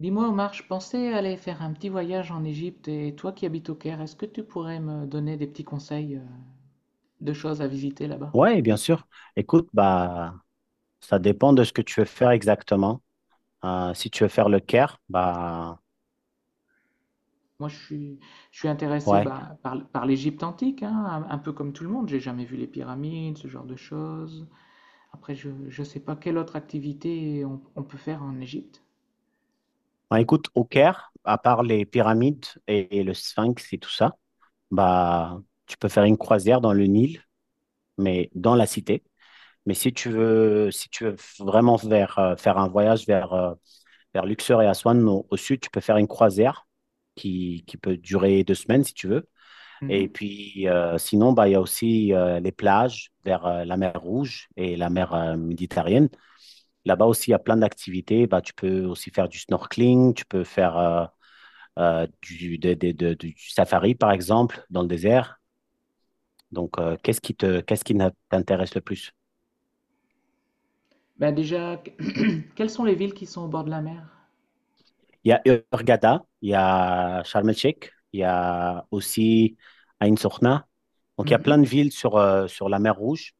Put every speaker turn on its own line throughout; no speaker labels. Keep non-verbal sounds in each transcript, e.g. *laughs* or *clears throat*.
Dis-moi Omar, je pensais aller faire un petit voyage en Égypte et toi qui habites au Caire, est-ce que tu pourrais me donner des petits conseils de choses à visiter là-bas?
Ouais, bien sûr. Écoute, bah, ça dépend de ce que tu veux faire exactement. Si tu veux faire le Caire, bah,
Moi, je suis, je suis intéressé,
ouais.
bah, par l'Égypte antique, hein, un peu comme tout le monde. J'ai jamais vu les pyramides, ce genre de choses. Après, je ne sais pas quelle autre activité on peut faire en Égypte.
Bah, écoute, au Caire, à part les pyramides et le Sphinx et tout ça, bah, tu peux faire une croisière dans le Nil, mais dans la cité. Mais si tu veux, si tu veux vraiment vers, faire un voyage vers Luxor et Aswan au sud, tu peux faire une croisière qui peut durer 2 semaines si tu veux. Et
Mhm.
puis, sinon, bah, il y a aussi les plages vers la mer Rouge et la mer Méditerranée. Là-bas aussi, il y a plein d'activités. Bah, tu peux aussi faire du snorkeling, tu peux faire du, des- de- du safari, par exemple, dans le désert. Donc, qu'est-ce qui t'intéresse le plus?
Bah déjà, *clears throat* quelles sont les villes qui sont au bord de la mer?
Il y a Hurghada, il y a Sharm el-Sheikh, il y a aussi Ain Sokhna. Donc, il y a
Mhm.
plein de villes sur la mer Rouge.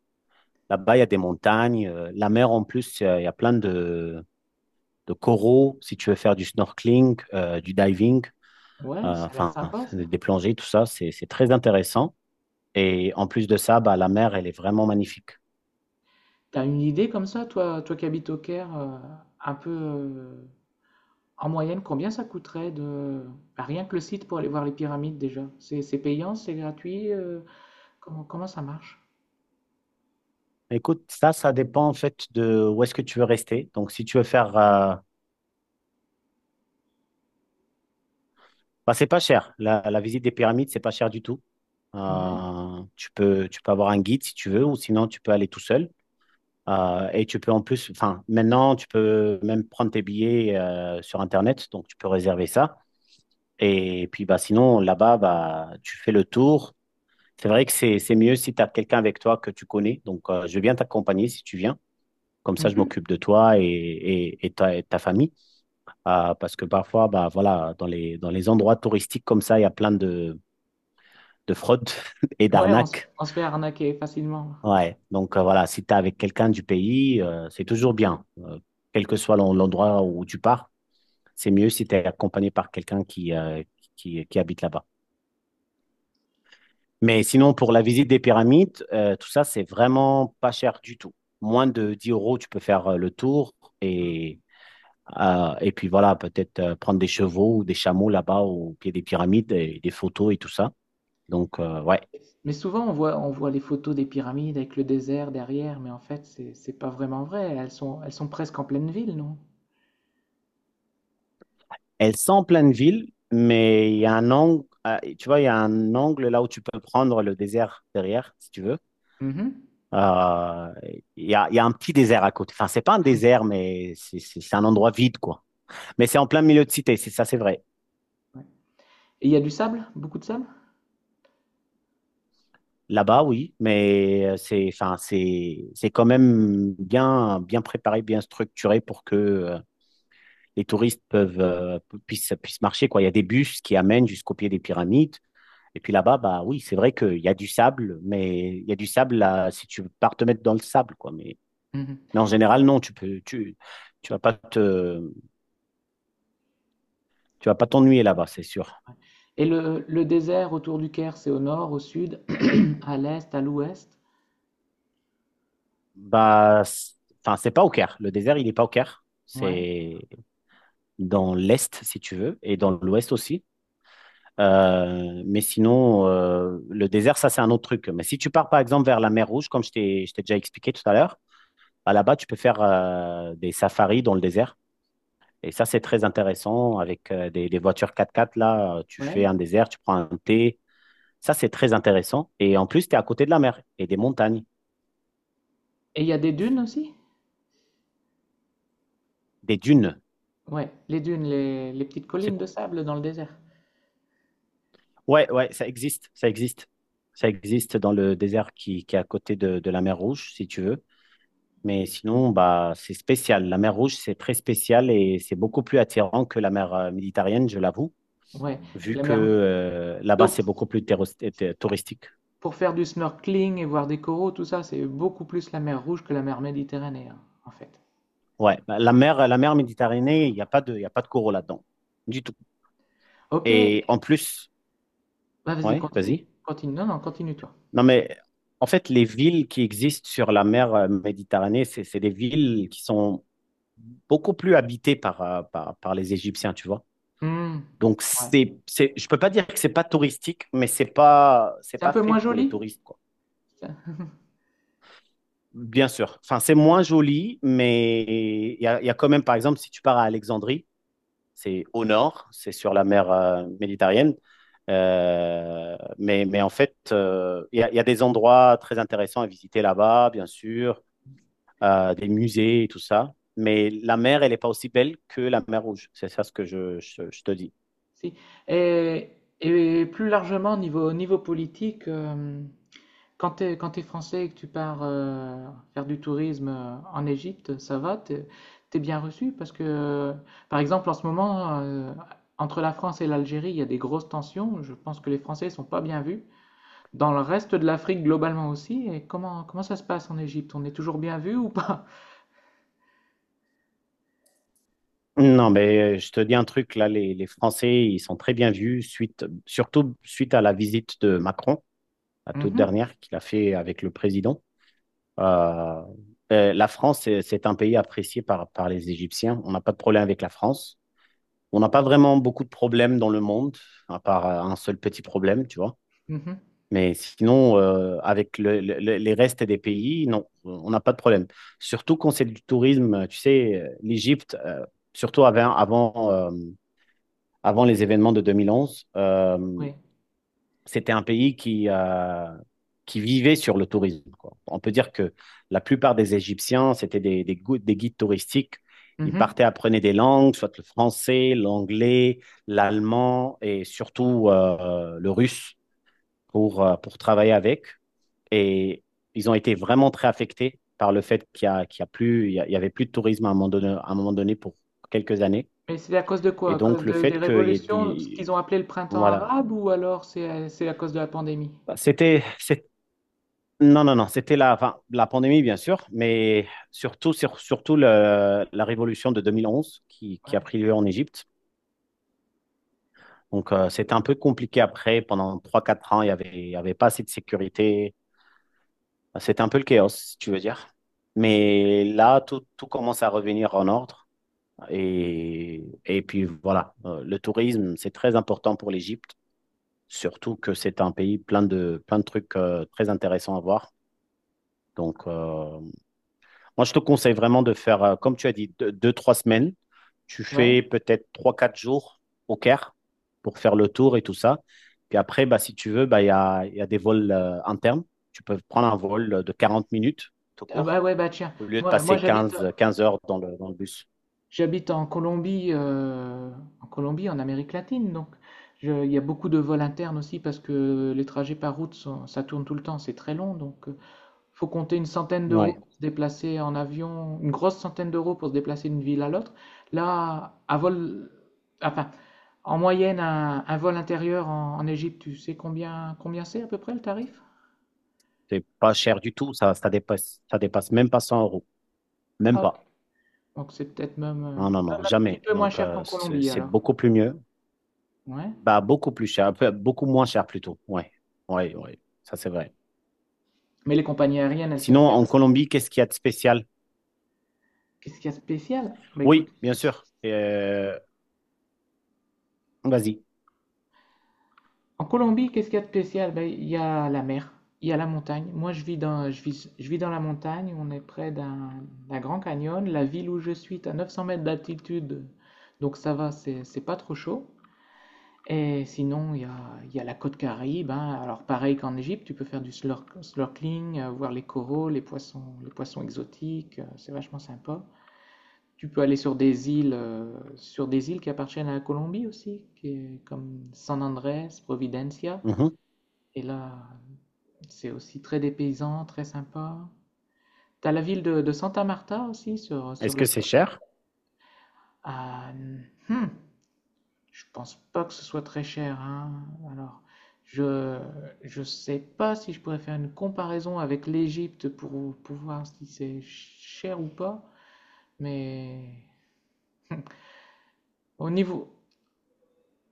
Là-bas, il y a des montagnes. La mer, en plus, il y a plein de coraux, si tu veux faire du snorkeling, du diving,
Ouais, ça a l'air
enfin
sympa ça.
des plongées, tout ça, c'est très intéressant. Et en plus de ça, bah, la mer, elle est vraiment magnifique.
T'as une idée comme ça, toi qui habites au Caire, un peu en moyenne, combien ça coûterait de bah, rien que le site pour aller voir les pyramides déjà? C'est payant, c'est gratuit, comment ça marche?
Écoute, ça dépend en fait de où est-ce que tu veux rester. Donc, si tu veux faire, bah, c'est pas cher. La visite des pyramides, c'est pas cher du tout.
Ouais.
Tu peux avoir un guide si tu veux, ou sinon tu peux aller tout seul. Et tu peux en plus, enfin, maintenant, tu peux même prendre tes billets sur Internet, donc tu peux réserver ça. Et puis bah sinon là-bas bah tu fais le tour. C'est vrai que c'est mieux si tu as quelqu'un avec toi que tu connais. Donc je vais bien t'accompagner si tu viens. Comme ça je
Mhm.
m'occupe de toi et ta famille. Parce que parfois bah voilà dans les endroits touristiques comme ça il y a plein de fraudes *laughs* et
Ouais,
d'arnaques.
on se fait arnaquer facilement.
Ouais. Donc voilà, si tu es avec quelqu'un du pays, c'est toujours bien. Quel que soit l'endroit où tu pars, c'est mieux si tu es accompagné par quelqu'un qui habite là-bas. Mais sinon, pour la visite des pyramides, tout ça, c'est vraiment pas cher du tout. Moins de 10 euros, tu peux faire le tour et, et puis voilà, peut-être prendre des chevaux ou des chameaux là-bas au pied des pyramides et des photos et tout ça. Donc, ouais.
Mais souvent on voit les photos des pyramides avec le désert derrière, mais en fait c'est pas vraiment vrai. Elles sont presque en pleine ville, non?
Elles sont en pleine ville, mais il y a un angle, tu vois, il y a un angle là où tu peux prendre le désert derrière, si tu veux.
Mhm.
Euh, il y a un petit désert à côté. Enfin, c'est pas un désert, mais c'est un endroit vide, quoi. Mais c'est en plein milieu de cité, c'est ça, c'est vrai.
Ouais. Et il y a du sable, beaucoup de sable?
Là-bas, oui, mais c'est, enfin, c'est quand même bien, bien préparé, bien structuré pour que les touristes peuvent, puissent marcher, quoi. Il y a des bus qui amènent jusqu'au pied des pyramides. Et puis là-bas, bah oui, c'est vrai qu'il y a du sable, mais il y a du sable là, si tu pars te mettre dans le sable, quoi. Mais,
Mmh.
mais en général, non, tu peux, tu vas pas te, tu vas pas t'ennuyer là-bas, c'est sûr.
Ouais, et le désert autour du Caire, c'est au nord, au sud, *clears throat* à l'est, à l'ouest?
Bah, enfin, c'est pas au Caire. Le désert, il n'est pas au Caire.
Ouais,
C'est dans l'est, si tu veux, et dans l'ouest aussi. Mais sinon, le désert, ça, c'est un autre truc. Mais si tu pars, par exemple, vers la mer Rouge, comme je t'ai déjà expliqué tout à l'heure, bah, là-bas, tu peux faire des safaris dans le désert. Et ça, c'est très intéressant. Avec des voitures quatre-quatre. Là, tu
ouais,
fais un désert, tu prends un thé. Ça, c'est très intéressant. Et en plus, tu es à côté de la mer et des montagnes,
et il y a des dunes aussi?
des dunes.
Ouais, les dunes, les petites
C'est
collines de
cool.
sable dans le désert?
Ouais, ouais, ça existe. Ça existe. Ça existe dans le désert qui est à côté de la mer Rouge, si tu veux. Mais sinon, bah, c'est spécial. La mer Rouge, c'est très spécial et c'est beaucoup plus attirant que la mer Méditerranée, je l'avoue,
Ouais,
vu
la
que
mer,
là-bas,
donc
c'est beaucoup plus touristique.
pour faire du snorkeling et voir des coraux, tout ça, c'est beaucoup plus la mer Rouge que la mer Méditerranée, hein, en fait.
Ouais, bah, la mer Méditerranée, il n'y a pas de, il y a pas de coraux là-dedans, du tout. Et en
OK,
plus,
bah, vas-y,
ouais,
continue.
vas-y.
Continue, non, non, continue toi.
Non, mais en fait, les villes qui existent sur la mer Méditerranée, c'est des villes qui sont beaucoup plus habitées par les Égyptiens, tu vois.
Mmh.
Donc,
Ouais.
je ne peux pas dire que ce n'est pas touristique, mais ce n'est pas, c'est
C'est un
pas
peu
fait
moins
pour les
joli?
touristes, quoi.
Ça- *laughs*
Bien sûr. Enfin, c'est moins joli, mais il y a quand même, par exemple, si tu pars à Alexandrie, c'est au nord, c'est sur la mer méditerranéenne. Mais en fait, il y a des endroits très intéressants à visiter là-bas, bien sûr, des musées et tout ça. Mais la mer, elle n'est pas aussi belle que la mer Rouge. C'est ça ce que je te dis.
Si. Et, et plus largement, au niveau politique, quand tu es, quand t'es français et que tu pars faire du tourisme en Égypte, ça va, t'es bien reçu parce que, par exemple, en ce moment, entre la France et l'Algérie, il y a des grosses tensions. Je pense que les Français ne sont pas bien vus. Dans le reste de l'Afrique, globalement aussi. Et comment ça se passe en Égypte? On est toujours bien vu ou pas?
Non, mais je te dis un truc, là, les Français, ils sont très bien vus, suite, surtout suite à la visite de Macron, la
*laughs*
toute
Mhm.
dernière qu'il a fait avec le président. Euh, la France, c'est un pays apprécié par les Égyptiens. On n'a pas de problème avec la France. On n'a pas vraiment beaucoup de problèmes dans le monde, à part un seul petit problème, tu vois.
Mhm.
Mais sinon, avec les restes des pays, non, on n'a pas de problème. Surtout quand c'est du tourisme, tu sais, l'Égypte, surtout avant les événements de 2011,
Oui.
c'était un pays qui vivait sur le tourisme, quoi. On peut dire que la plupart des Égyptiens, c'était des guides touristiques. Ils
Mhm.
partaient, apprenaient des langues, soit le français, l'anglais, l'allemand et surtout le russe pour travailler avec. Et ils ont été vraiment très affectés par le fait qu'il y a plus, il y a- il y avait plus de tourisme à un moment donné, à un moment donné pour quelques années.
Mais c'est à cause de quoi?
Et
À
donc,
cause
le
de- des
fait qu'il y ait
révolutions, ce
des,
qu'ils ont appelé le printemps
voilà,
arabe, ou alors c'est à cause de la pandémie?
C'était, c'est- non, non, non, c'était enfin, la pandémie, bien sûr, mais surtout, surtout la révolution de 2011 qui a
Ouais.
pris lieu en Égypte. Donc, c'était un peu compliqué après. Pendant trois quatre ans, il n'y avait, il y avait pas assez de sécurité. C'était un peu le chaos, si tu veux dire. Mais là, tout commence à revenir en ordre. Et puis, voilà, le tourisme, c'est très important pour l'Égypte, surtout que c'est un pays plein de trucs, très intéressants à voir. Donc, moi, je te conseille vraiment de faire, comme tu as dit, deux, trois semaines. Tu
Ouais.
fais peut-être trois, quatre jours au Caire pour faire le tour et tout ça. Puis après, bah, si tu veux, bah, il y a des vols internes. Tu peux prendre un vol de 40 minutes tout
Ah
court
bah ouais, bah tiens,
au lieu de
moi
passer quinze heures dans le bus.
j'habite en Colombie, en Colombie, en Amérique latine, donc je- il y a beaucoup de vols internes aussi parce que les trajets par route sont- ça tourne tout le temps, c'est très long, donc faut compter une centaine d'euros
Ouais,
pour se déplacer en avion, une grosse centaine d'euros pour se déplacer d'une ville à l'autre. Là, enfin, en moyenne, un vol intérieur en Égypte, tu sais combien c'est à peu près le tarif?
c'est pas cher du tout. Ça dépasse même pas 100 euros.
Ah,
Même
ok.
pas.
Donc c'est peut-être même,
Non, non, non,
même un petit
jamais.
peu moins
Donc,
cher qu'en
c'est
Colombie
c'est
alors.
beaucoup plus mieux.
Ouais.
Bah, beaucoup plus cher, beaucoup moins cher plutôt. Ouais, ouais, ouais. Ça, c'est vrai.
Mais les compagnies aériennes, elles sont
Sinon, en
fiables.
Colombie, qu'est-ce qu'il y a de spécial?
Qu'est-ce qu'il y a de spécial? Bah écoute,
Oui, bien sûr. Vas-y.
en Colombie, qu'est-ce qu'il y a de spécial? Ben, il y a la mer, il y a la montagne. Moi, je vis dans la montagne, on est près d'un grand canyon. La ville où je suis est à 900 mètres d'altitude, donc ça va, c'est pas trop chaud. Et sinon, il y a la côte Caraïbe, hein. Alors, pareil qu'en Égypte, tu peux faire du snorkeling, voir les coraux, les poissons exotiques, c'est vachement sympa. Tu peux aller sur des îles qui appartiennent à la Colombie aussi, qui est comme San Andrés, Providencia.
Mhm.
Et là, c'est aussi très dépaysant, très sympa. T'as la ville de Santa Marta aussi
Est-ce
sur la
que c'est
côte.
cher?
Ah, hmm, je pense pas que ce soit très cher, hein. Alors, je je sais pas si je pourrais faire une comparaison avec l'Égypte pour voir si c'est cher ou pas, mais au niveau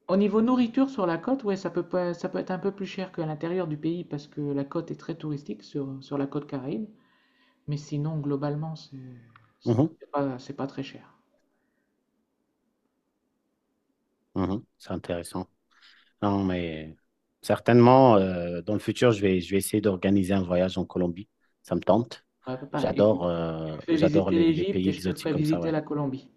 au niveau nourriture sur la côte, ouais, ça peut pas, ça peut être un peu plus cher qu'à l'intérieur du pays parce que la côte est très touristique sur la côte Caraïbe. Mais sinon, globalement,
Mhm.
c'est pas très cher.
Mhm. C'est intéressant. Non, mais certainement, dans le futur, je vais essayer d'organiser un voyage en Colombie. Ça me tente.
Ouais, pareil,
J'adore
écoute, tu
euh,
me fais
j'adore
visiter
les pays
l'Égypte et je te
exotiques
ferai
comme ça,
visiter
ouais.
la Colombie.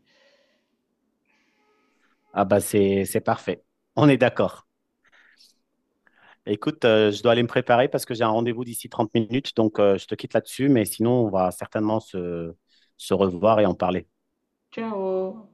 Ah bah c'est parfait. On est d'accord. Écoute, je dois aller me préparer parce que j'ai un rendez-vous d'ici 30 minutes, donc je te quitte là-dessus, mais sinon on va certainement se revoir et en parler.
Ciao!